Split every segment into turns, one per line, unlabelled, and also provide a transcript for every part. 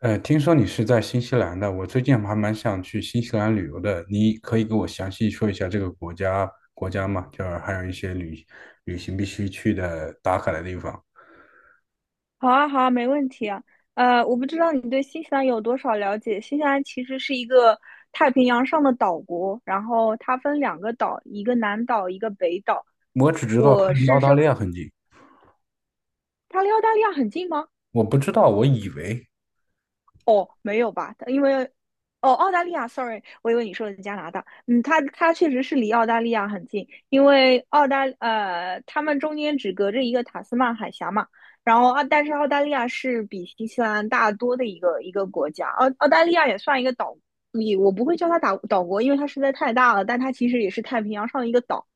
听说你是在新西兰的，我最近还蛮想去新西兰旅游的。你可以给我详细说一下这个国家吗？就是还有一些旅行必须去的打卡的地方。
好啊，好啊，没问题啊。我不知道你对新西兰有多少了解。新西兰其实是一个太平洋上的岛国，然后它分两个岛，一个南岛，一个北岛。
我只知道它
我
离
是
澳大
说，
利亚很近，
它离澳大利亚很近吗？
我不知道，我以为
哦，没有吧？因为哦，澳大利亚，sorry，我以为你说的是加拿大。嗯，它确实是离澳大利亚很近，因为他们中间只隔着一个塔斯曼海峡嘛。然后啊，但是澳大利亚是比新西兰大多的一个国家，澳大利亚也算一个岛，也我不会叫它岛国，因为它实在太大了，但它其实也是太平洋上的一个岛。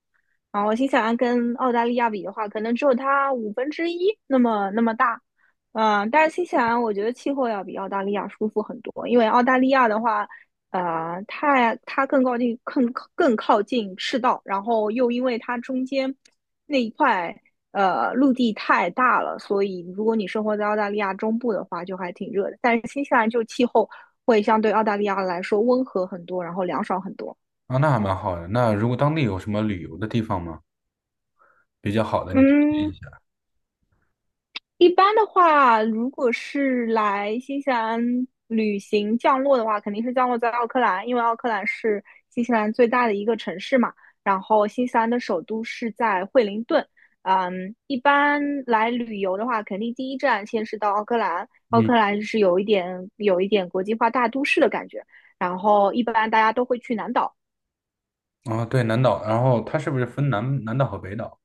然后新西兰跟澳大利亚比的话，可能只有它五分之一那么大。嗯，但是新西兰我觉得气候要比澳大利亚舒服很多，因为澳大利亚的话，它更靠近更靠近赤道，然后又因为它中间那一块陆地太大了，所以如果你生活在澳大利亚中部的话，就还挺热的。但是新西兰就气候会相对澳大利亚来说温和很多，然后凉爽很多。
啊，那还蛮好的。那如果当地有什么旅游的地方吗？比较好的，你
嗯，一般的话，如果是来新西兰旅行降落的话，肯定是降落在奥克兰，因为奥克兰是新西兰最大的一个城市嘛。然后新西兰的首都是在惠灵顿。嗯，一般来旅游的话，肯定第一站先是到奥克兰。奥
嗯，
克兰是有一点国际化大都市的感觉。然后一般大家都会去南岛，
啊，对，南岛，然后它是不是分南岛和北岛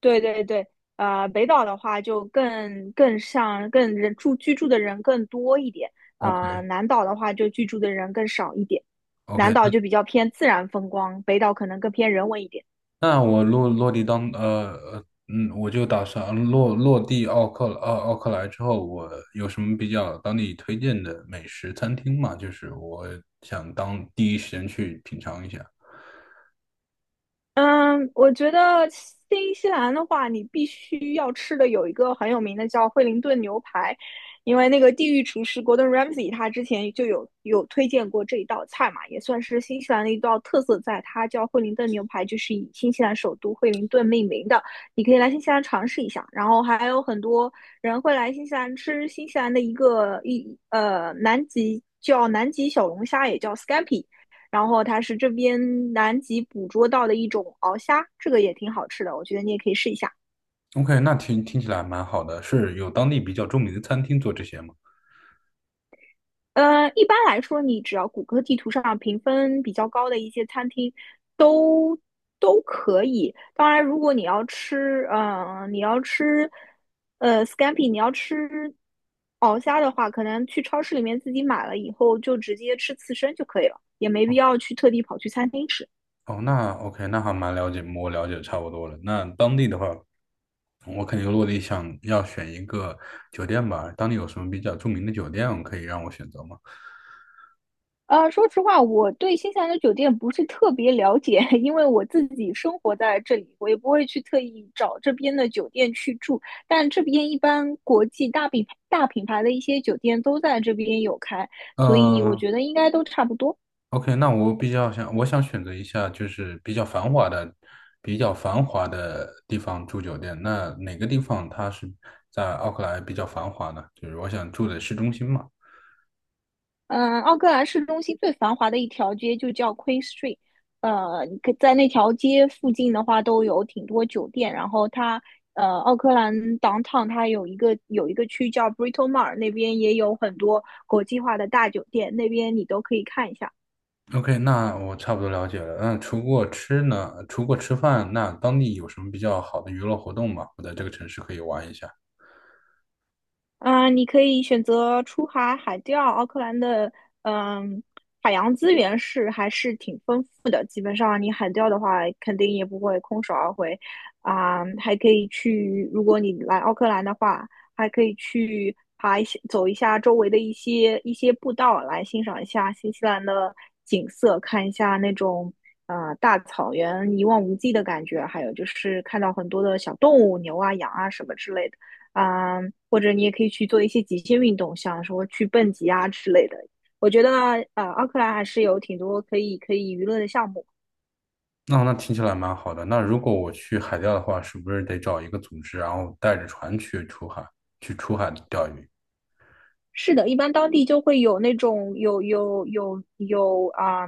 对对对，北岛的话就更像居住的人更多一点，
？OK，OK，
南岛的话就居住的人更少一点，南岛
那。
就比较偏自然风光，北岛可能更偏人文一点。
那我落落地当呃呃嗯，我就打算落落地奥克莱之后，我有什么比较当地推荐的美食餐厅吗？就是我想当第一时间去品尝一下。
嗯，我觉得新西兰的话，你必须要吃的有一个很有名的叫惠灵顿牛排，因为那个地狱厨师 Gordon Ramsay 他之前就有推荐过这一道菜嘛，也算是新西兰的一道特色菜，它叫惠灵顿牛排，就是以新西兰首都惠灵顿命名的。你可以来新西兰尝试一下，然后还有很多人会来新西兰吃新西兰的一个一呃南极叫南极小龙虾，也叫 scampi。然后它是这边南极捕捉到的一种鳌虾，这个也挺好吃的，我觉得你也可以试一下。
OK,那听起来蛮好的，是有当地比较著名的餐厅做这些吗？
一般来说，你只要谷歌地图上评分比较高的一些餐厅都都可以。当然，如果你要吃，scampi，你要吃鳌虾的话，可能去超市里面自己买了以后就直接吃刺身就可以了，也没必要去特地跑去餐厅吃。
哦，那 OK,那还蛮了解，我了解的差不多了。那当地的话，我肯定落地想要选一个酒店吧。当地有什么比较著名的酒店可以让我选择吗？
说实话，我对新西兰的酒店不是特别了解，因为我自己生活在这里，我也不会去特意找这边的酒店去住。但这边一般国际大品牌的一些酒店都在这边有开，所以我
呃，
觉得应该都差不多。
OK,那我想选择一下就是比较繁华的地方住酒店。那哪个地方它是在奥克兰比较繁华呢？就是我想住的市中心嘛。
嗯，奥克兰市中心最繁华的一条街就叫 Queen Street，你可在那条街附近的话都有挺多酒店，然后奥克兰 downtown 它有一个区叫 b r i t o Mar，那边也有很多国际化的大酒店，那边你都可以看一下。
OK,那我差不多了解了。那除过吃呢？除过吃饭，那当地有什么比较好的娱乐活动吗？我在这个城市可以玩一下。
你可以选择出海海钓，奥克兰的嗯、海洋资源是还是挺丰富的。基本上你海钓的话，肯定也不会空手而回啊、还可以去，如果你来奥克兰的话，还可以去爬一些走一下周围的一些步道，来欣赏一下新西兰的景色，看一下那种。大草原一望无际的感觉，还有就是看到很多的小动物，牛啊、羊啊什么之类的。啊、或者你也可以去做一些极限运动，像说去蹦极啊之类的。我觉得奥克兰还是有挺多可以娱乐的项目。
那听起来蛮好的。那如果我去海钓的话，是不是得找一个组织，然后带着船去出海，去出海钓鱼？
是的，一般当地就会有那种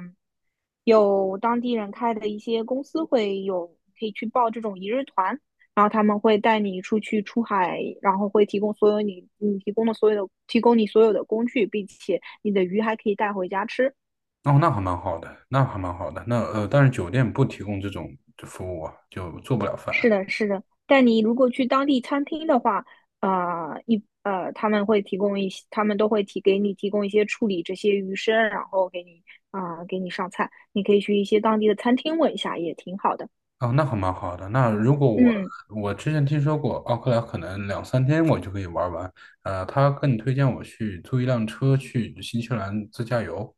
有当地人开的一些公司会有可以去报这种一日团，然后他们会带你出去出海，然后会提供所有你你提供的所有的提供你所有的工具，并且你的鱼还可以带回家吃。
哦，那还蛮好的，那还蛮好的。那但是酒店不提供这种服务啊，就做不了饭。
是的，是的，但你如果去当地餐厅的话，他们会给你提供一些处理这些鱼生，然后给你上菜。你可以去一些当地的餐厅问一下，也挺好的。
哦，那还蛮好的。那如果我
嗯，
我之前听说过奥克兰，可能两三天我就可以玩完。你推荐我去租一辆车去新西兰自驾游。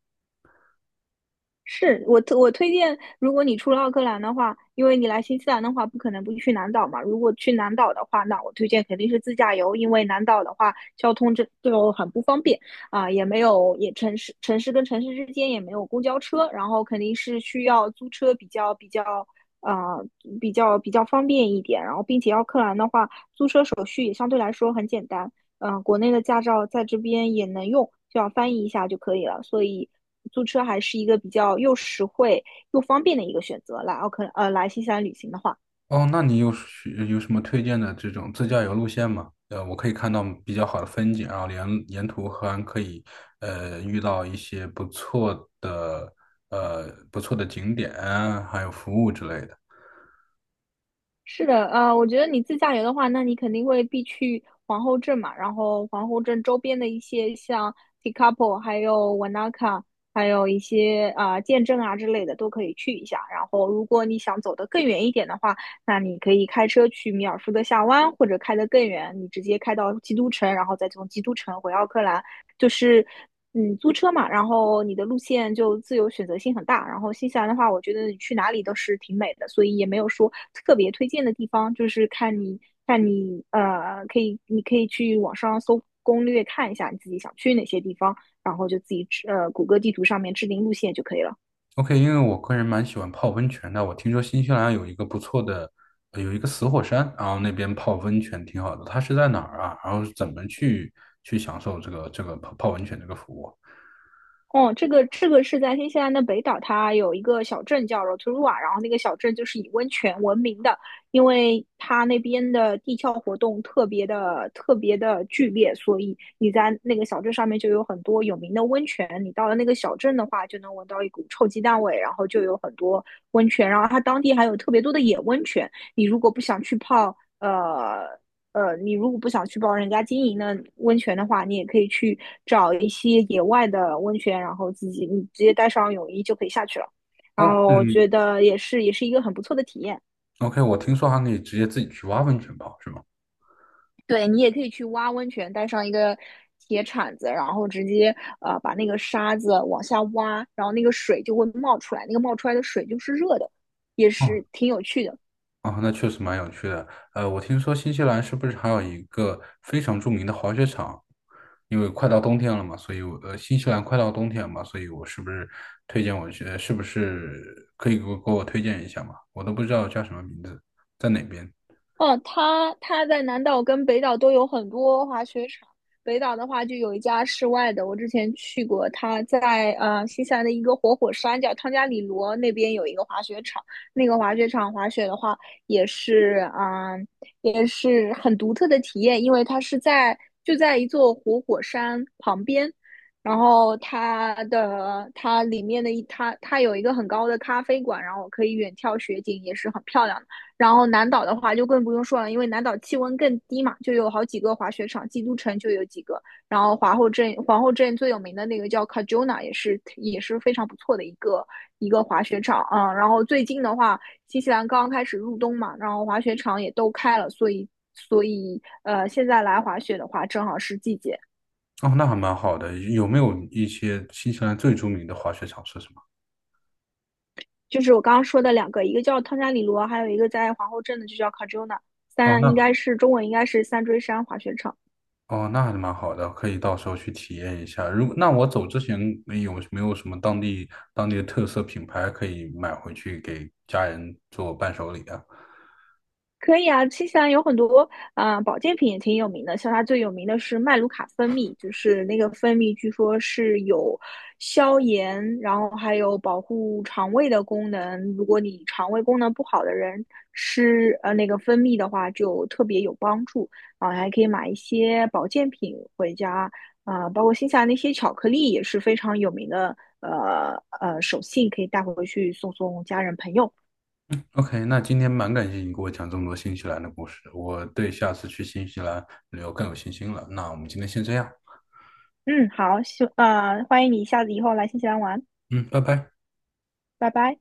我推荐，如果你出了奥克兰的话，因为你来新西兰的话，不可能不去南岛嘛。如果去南岛的话，那我推荐肯定是自驾游，因为南岛的话，交通这就很不方便啊，也没有也城市跟城市之间也没有公交车，然后肯定是需要租车呃比较方便一点。然后并且奥克兰的话，租车手续也相对来说很简单。国内的驾照在这边也能用，就要翻译一下就可以了。所以租车还是一个比较又实惠又方便的一个选择。来奥克呃来新西兰旅行的话。
哦，那你有是有什么推荐的这种自驾游路线吗？呃，我可以看到比较好的风景啊，然后沿途还可以遇到一些不错的景点啊，还有服务之类的。
是的，我觉得你自驾游的话，那你肯定会必去皇后镇嘛，然后皇后镇周边的一些像 Tekapo，还有 Wanaka，还有一些剑镇啊之类的都可以去一下。然后，如果你想走得更远一点的话，那你可以开车去米尔福德峡湾，或者开得更远，你直接开到基督城，然后再从基督城回奥克兰。就是嗯，租车嘛，然后你的路线就自由选择性很大。然后新西兰的话，我觉得你去哪里都是挺美的，所以也没有说特别推荐的地方，就是看你你可以去网上搜攻略看一下你自己想去哪些地方，然后就自己谷歌地图上面制定路线就可以了。
OK,因为我个人蛮喜欢泡温泉的，我听说新西兰有一个不错的，呃有一个死火山，然后那边泡温泉挺好的。它是在哪儿啊？然后怎么去享受这个泡温泉这个服务？
哦，这个是在新西兰的北岛，它有一个小镇叫 Rotorua，然后那个小镇就是以温泉闻名的，因为它那边的地壳活动特别的剧烈，所以你在那个小镇上面就有很多有名的温泉。你到了那个小镇的话，就能闻到一股臭鸡蛋味，然后就有很多温泉，然后它当地还有特别多的野温泉。呃，你如果不想去帮人家经营的温泉的话，你也可以去找一些野外的温泉，然后自己你直接带上泳衣就可以下去了。然
哦，
后我觉
嗯
得也是，也是一个很不错的体验。
，OK,我听说还可以直接自己去挖温泉泡，是吗？
对你也可以去挖温泉，带上一个铁铲子，然后直接把那个沙子往下挖，然后那个水就会冒出来，那个冒出来的水就是热的，也是挺有趣的。
哦，那确实蛮有趣的。呃，我听说新西兰是不是还有一个非常著名的滑雪场？因为快到冬天了嘛，所以我呃，新西兰快到冬天嘛，所以我是不是推荐我去？呃是不是可以给我推荐一下嘛？我都不知道叫什么名字，在哪边？
哦，它在南岛跟北岛都有很多滑雪场。北岛的话，就有一家室外的，我之前去过，它在新西兰的一个活火山叫汤加里罗那边有一个滑雪场。那个滑雪场滑雪的话，也是啊、呃也是很独特的体验，因为它是在就在一座活火山旁边，然后它的它里面的一它它有一个很高的咖啡馆，然后可以远眺雪景，也是很漂亮的。然后南岛的话就更不用说了，因为南岛气温更低嘛，就有好几个滑雪场，基督城就有几个，然后皇后镇最有名的那个叫 Cajuna，也是也是非常不错的一个滑雪场。然后最近的话，新西兰刚刚开始入冬嘛，然后滑雪场也都开了，所以现在来滑雪的话，正好是季节。
哦，那还蛮好的。有没有一些新西兰最著名的滑雪场是什么？
就是我刚刚说的两个，一个叫汤加里罗，还有一个在皇后镇的就叫 Cajuna，
哦，
应
那
该是中文应该是三锥山滑雪场。
哦，那还是蛮好的，可以到时候去体验一下。如果那我走之前有没有什么当地的特色品牌可以买回去给家人做伴手礼啊
可以啊，新西兰有很多保健品也挺有名的，像它最有名的是麦卢卡蜂蜜，就是那个蜂蜜据说是有消炎，然后还有保护肠胃的功能。如果你肠胃功能不好的人吃那个蜂蜜的话，就特别有帮助啊、还可以买一些保健品回家啊、包括新西兰那些巧克力也是非常有名的，手信可以带回去送家人朋友。
？OK,那今天蛮感谢你给我讲这么多新西兰的故事，我对下次去新西兰旅游更有信心了。那我们今天先这样，
嗯，好，欢迎你下次以后来新西兰玩，
嗯，拜拜。
拜拜。